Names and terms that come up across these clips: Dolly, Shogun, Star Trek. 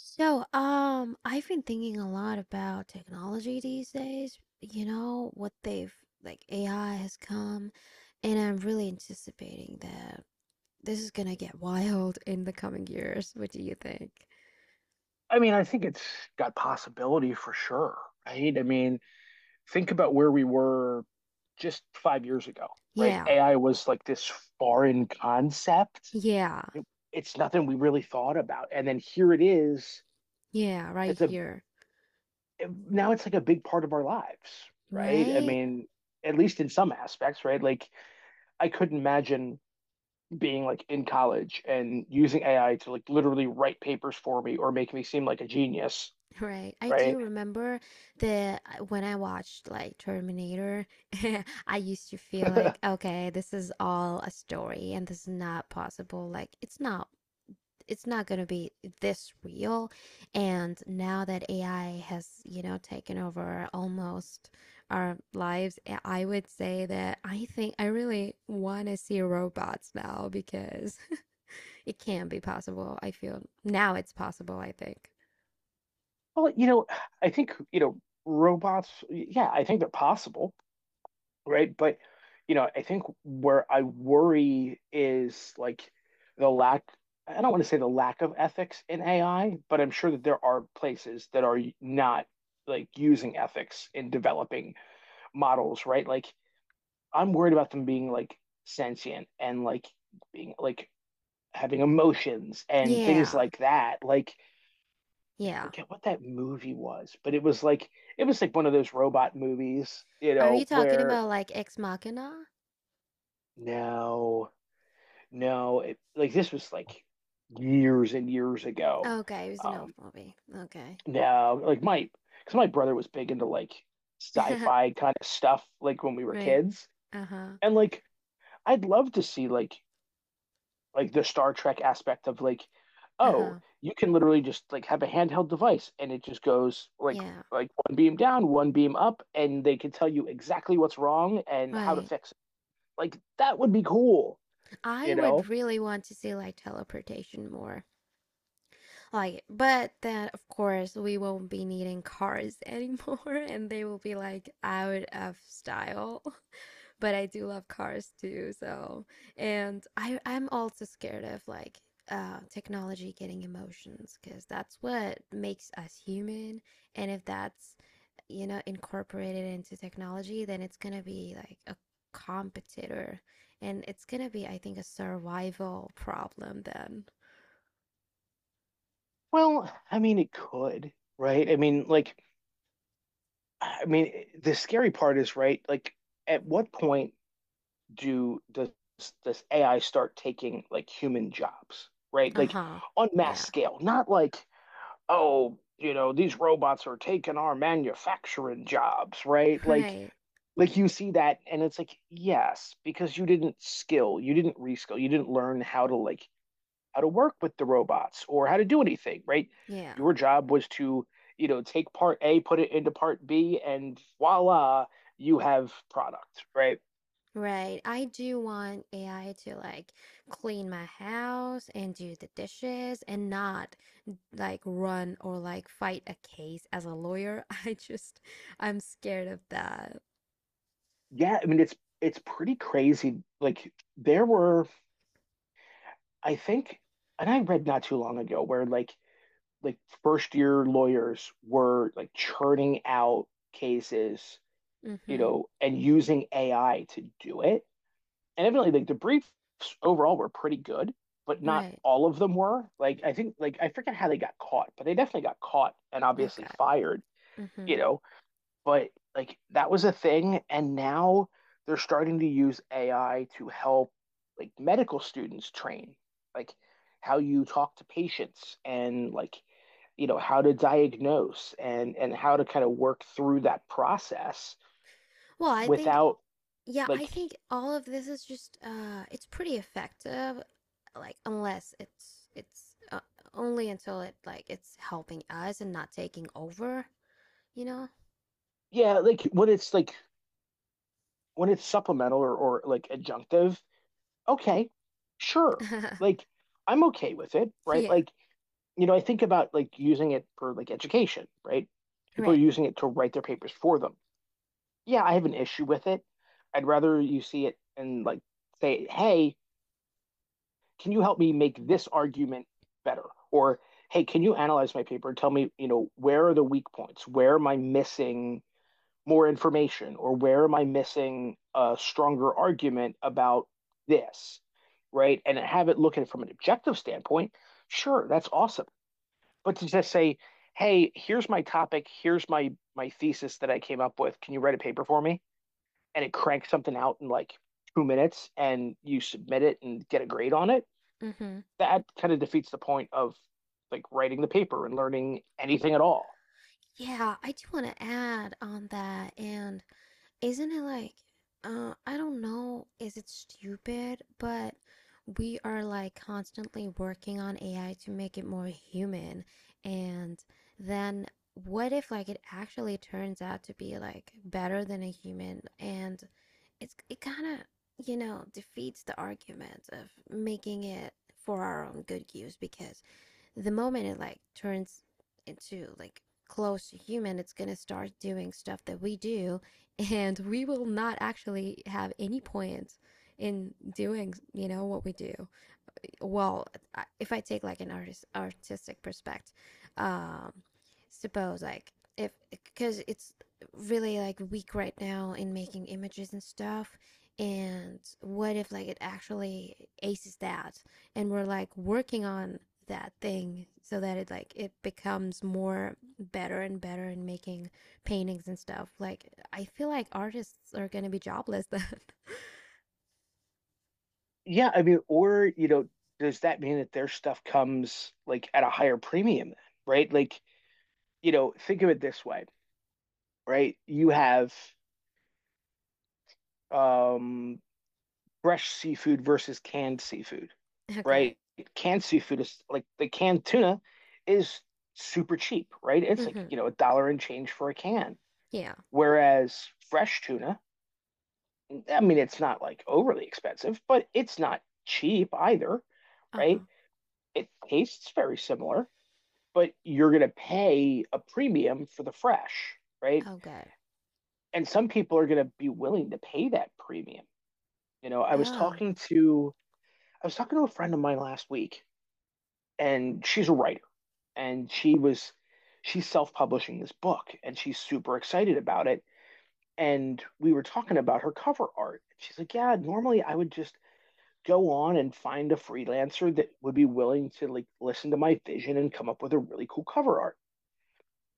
So, I've been thinking a lot about technology these days, you know, what they've like AI has come, and I'm really anticipating that this is gonna get wild in the coming years. What do you think? I mean, I think it's got possibility for sure, right? I mean, think about where we were just 5 years ago, right? Yeah, AI was like this foreign concept. yeah, It, it's nothing we really thought about. And then here it is. yeah, right It's a here. Now it's like a big part of our lives, right? I Right? mean, at least in some aspects, right? Like I couldn't imagine being like in college and using AI to like literally write papers for me or make me seem like a genius, Right. I right? do remember when I watched like Terminator. I used to feel like, okay, this is all a story and this is not possible. Like, it's not going to be this real. And now that ai has taken over almost our lives, would say that I think I really want to see robots now, because it can be possible. I feel now it's possible, I think. Well, you know, I think, you know, robots, yeah, I think they're possible, right? But, you know, I think where I worry is like the lack, I don't want to say the lack of ethics in AI, but I'm sure that there are places that are not like using ethics in developing models, right? Like I'm worried about them being like sentient and like being like having emotions and things Yeah, like that. Like, I yeah. forget what that movie was, but it was like one of those robot movies, you Are you know, talking where about like Ex Machina? no, no, like this was like years and years ago. Okay, it was an old Um, movie. Okay. now, like my because my brother was big into like sci-fi kind of stuff, like when we were Right. kids, Uh-huh. and like I'd love to see like the Star Trek aspect of like, oh, Uh-huh. you can literally just like have a handheld device and it just goes Yeah. like one beam down, one beam up, and they can tell you exactly what's wrong and how to Right. fix it. Like that would be cool, I you would know? really want to see like teleportation more. Like, but then of course we won't be needing cars anymore and they will be like out of style. But I do love cars too, so. And I'm also scared of like technology getting emotions, because that's what makes us human. And if that's, you know, incorporate it into technology, then it's gonna be like a competitor. And it's gonna be, I think, a survival problem then. Well, I mean, it could, right? I mean, like, I mean, the scary part is, right? Like, at what point do does AI start taking like human jobs, right? Like Uh-huh. on mass Yeah. scale, not like oh, you know, these robots are taking our manufacturing jobs, right? Like Right. You see that and it's like, yes, because you didn't skill, you didn't reskill, you didn't learn how to like how to work with the robots or how to do anything, right? Yeah. Your job was to, you know, take part A, put it into part B, and voila, you have product, right? Right. I do want AI to like clean my house and do the dishes, and not like run or like fight a case as a lawyer. I just, I'm scared of that. Yeah, I mean it's pretty crazy. Like there were, I think, and I read not too long ago where like like first year lawyers were like churning out cases, you Mm-hmm. know, and using AI to do it. And evidently, like the briefs overall were pretty good, but not Right. all of them were. Like I think, like I forget how they got caught, but they definitely got caught and obviously Okay. fired, you Mm-hmm. know. But like that was a thing, and now they're starting to use AI to help like medical students train, like how you talk to patients and like you know how to diagnose and how to kind of work through that process Well, I think without Yeah, I like think all of this is just it's pretty effective, like unless it's only until it like it's helping us and not taking over, you know? yeah like when it's supplemental or like adjunctive okay sure like I'm okay with it right Yeah, like you know I think about like using it for like education right people are right. using it to write their papers for them yeah I have an issue with it I'd rather you see it and like say hey can you help me make this argument better? Or hey, can you analyze my paper and tell me, you know, where are the weak points? Where am I missing more information? Or where am I missing a stronger argument about this? Right. And have it look at it from an objective standpoint. Sure, that's awesome. But to just say, hey, here's my topic, here's my thesis that I came up with. Can you write a paper for me? And it cranks something out in like 2 minutes and you submit it and get a grade on it, Mhm. that kind of defeats the point of like writing the paper and learning anything at all. Yeah, I do want to add on that and Isn't it like, I don't know, is it stupid? But we are like constantly working on AI to make it more human. And then what if like it actually turns out to be like better than a human? And it kind of, defeats the argument of making it for our own good use, because the moment it like turns into like close to human, it's gonna start doing stuff that we do, and we will not actually have any point in doing, what we do. Well, if I take like an artistic perspective, um suppose like if, because it's really like weak right now in making images and stuff. And what if like it actually aces that, and we're like working on that thing so that it like it becomes more better and better in making paintings and stuff. Like, I feel like artists are gonna be jobless then. Yeah, I mean, or you know, does that mean that their stuff comes like at a higher premium then, right? Like, you know, think of it this way, right? You have um fresh seafood versus canned seafood, Okay. right? Canned seafood is like the canned tuna is super cheap, right? It's like, Hmm. you know, a dollar and change for a can. Yeah. Whereas fresh tuna, I mean, it's not like overly expensive, but it's not cheap either, right? Uh-huh. It tastes very similar, but you're going to pay a premium for the fresh, right? Okay. And some people are going to be willing to pay that premium. You know, Oh. I was talking to a friend of mine last week, and she's a writer, and she's self-publishing this book, and she's super excited about it. And we were talking about her cover art. She's like, "Yeah, normally I would just go on and find a freelancer that would be willing to like listen to my vision and come up with a really cool cover art."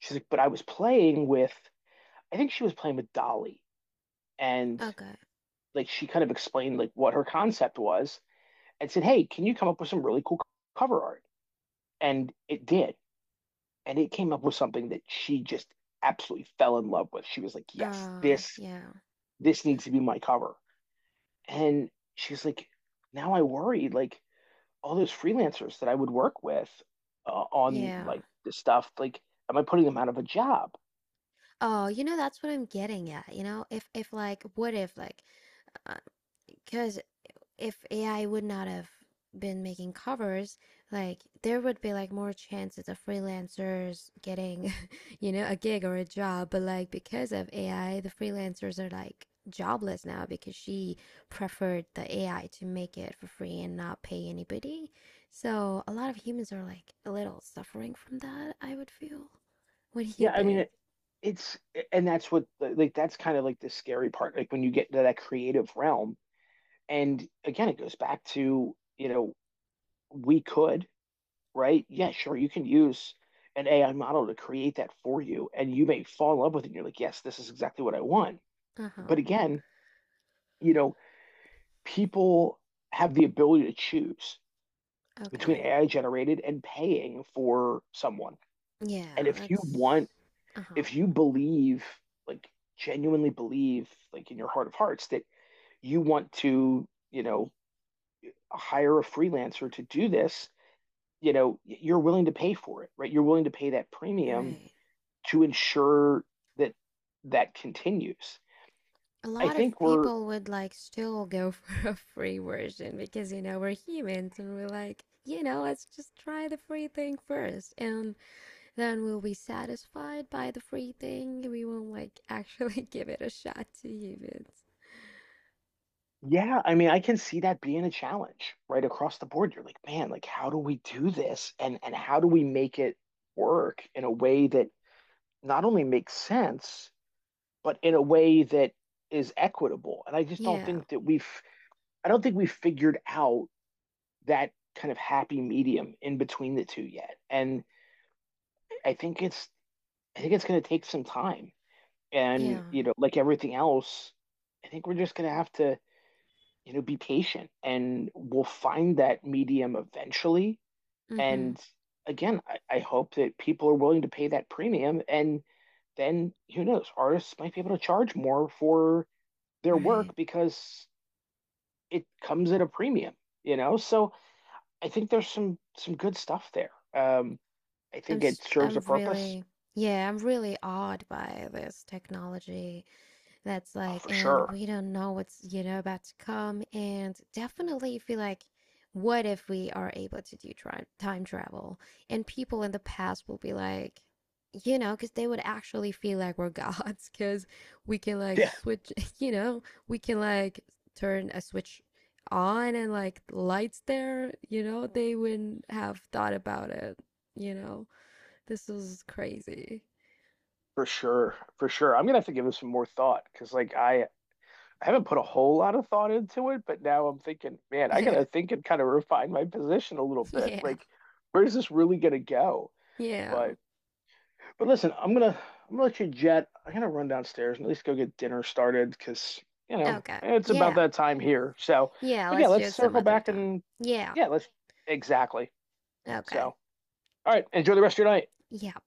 She's like, but I was playing with, I think she was playing with Dolly, and Okay. like she kind of explained like what her concept was and said, hey, can you come up with some really cool cover art? And it did, and it came up with something that she just absolutely fell in love with. She was like, yes, this Yeah. this needs to be my cover. And she's like, now I worry like all those freelancers that I would work with on Yeah. like this stuff, like, am I putting them out of a job? Oh, that's what I'm getting at. If like, what if like, because if AI would not have been making covers, like there would be like more chances of freelancers getting, a gig or a job. But like because of AI, the freelancers are like jobless now, because she preferred the AI to make it for free and not pay anybody. So a lot of humans are like a little suffering from that, I would feel. What do you Yeah, I mean, think? It's, and that's what, like, that's kind of like the scary part, like when you get to that creative realm. And again, it goes back to, you know, we could, right? Yeah, sure, you can use an AI model to create that for you, and you may fall in love with it. And you're like, yes, this is exactly what I want. Uh huh. But again, you know, people have the ability to choose between Okay. AI generated and paying for someone. And Yeah, if you that's. want, Uh huh. if you believe, like genuinely believe, like in your heart of hearts, that you want to, you know, hire a freelancer to do this, you know, you're willing to pay for it, right? You're willing to pay that premium Right. to ensure that that continues. A I lot of think we're people would like still go for a free version because, we're humans and we're like, let's just try the free thing first. And then we'll be satisfied by the free thing. We won't like actually give it a shot to humans. yeah, I mean, I can see that being a challenge right across the board. You're like, man, like how do we do this? And how do we make it work in a way that not only makes sense, but in a way that is equitable? And I just don't Yeah. think that we've I don't think we've figured out that kind of happy medium in between the two yet. And I think it's I think it's going to take some time. And, Yeah. you know, like everything else, I think we're just going to have to, you know, be patient and we'll find that medium eventually. Mm hmm. And again, I hope that people are willing to pay that premium. And then who knows, artists might be able to charge more for their work Right. because it comes at a premium, you know? So I think there's some good stuff there. I I'm, think it I serves I'm a purpose. really, yeah, I'm really awed by this technology. That's Oh, like, for and sure. we don't know what's about to come. And definitely feel like, what if we are able to do time travel? And people in the past will be like, because they would actually feel like we're gods, because we can like Yeah, switch, you know, we can like turn a switch on and like lights there, they wouldn't have thought about it, you know. This is crazy. for sure. For sure. I'm gonna have to give this some more thought because like I haven't put a whole lot of thought into it, but now I'm thinking, man, I Yeah. gotta think and kind of refine my position a little bit. Yeah. Like, where's this really gonna go? Yeah. But but listen, I'm gonna let you jet. I'm gonna run downstairs and at least go get dinner started because you know Okay. it's about Yeah. that time here. So, Yeah, but yeah, let's do let's it some circle other back time. and Yeah, yeah, let's exactly. okay. So, all right, enjoy the rest of your night. Yeah.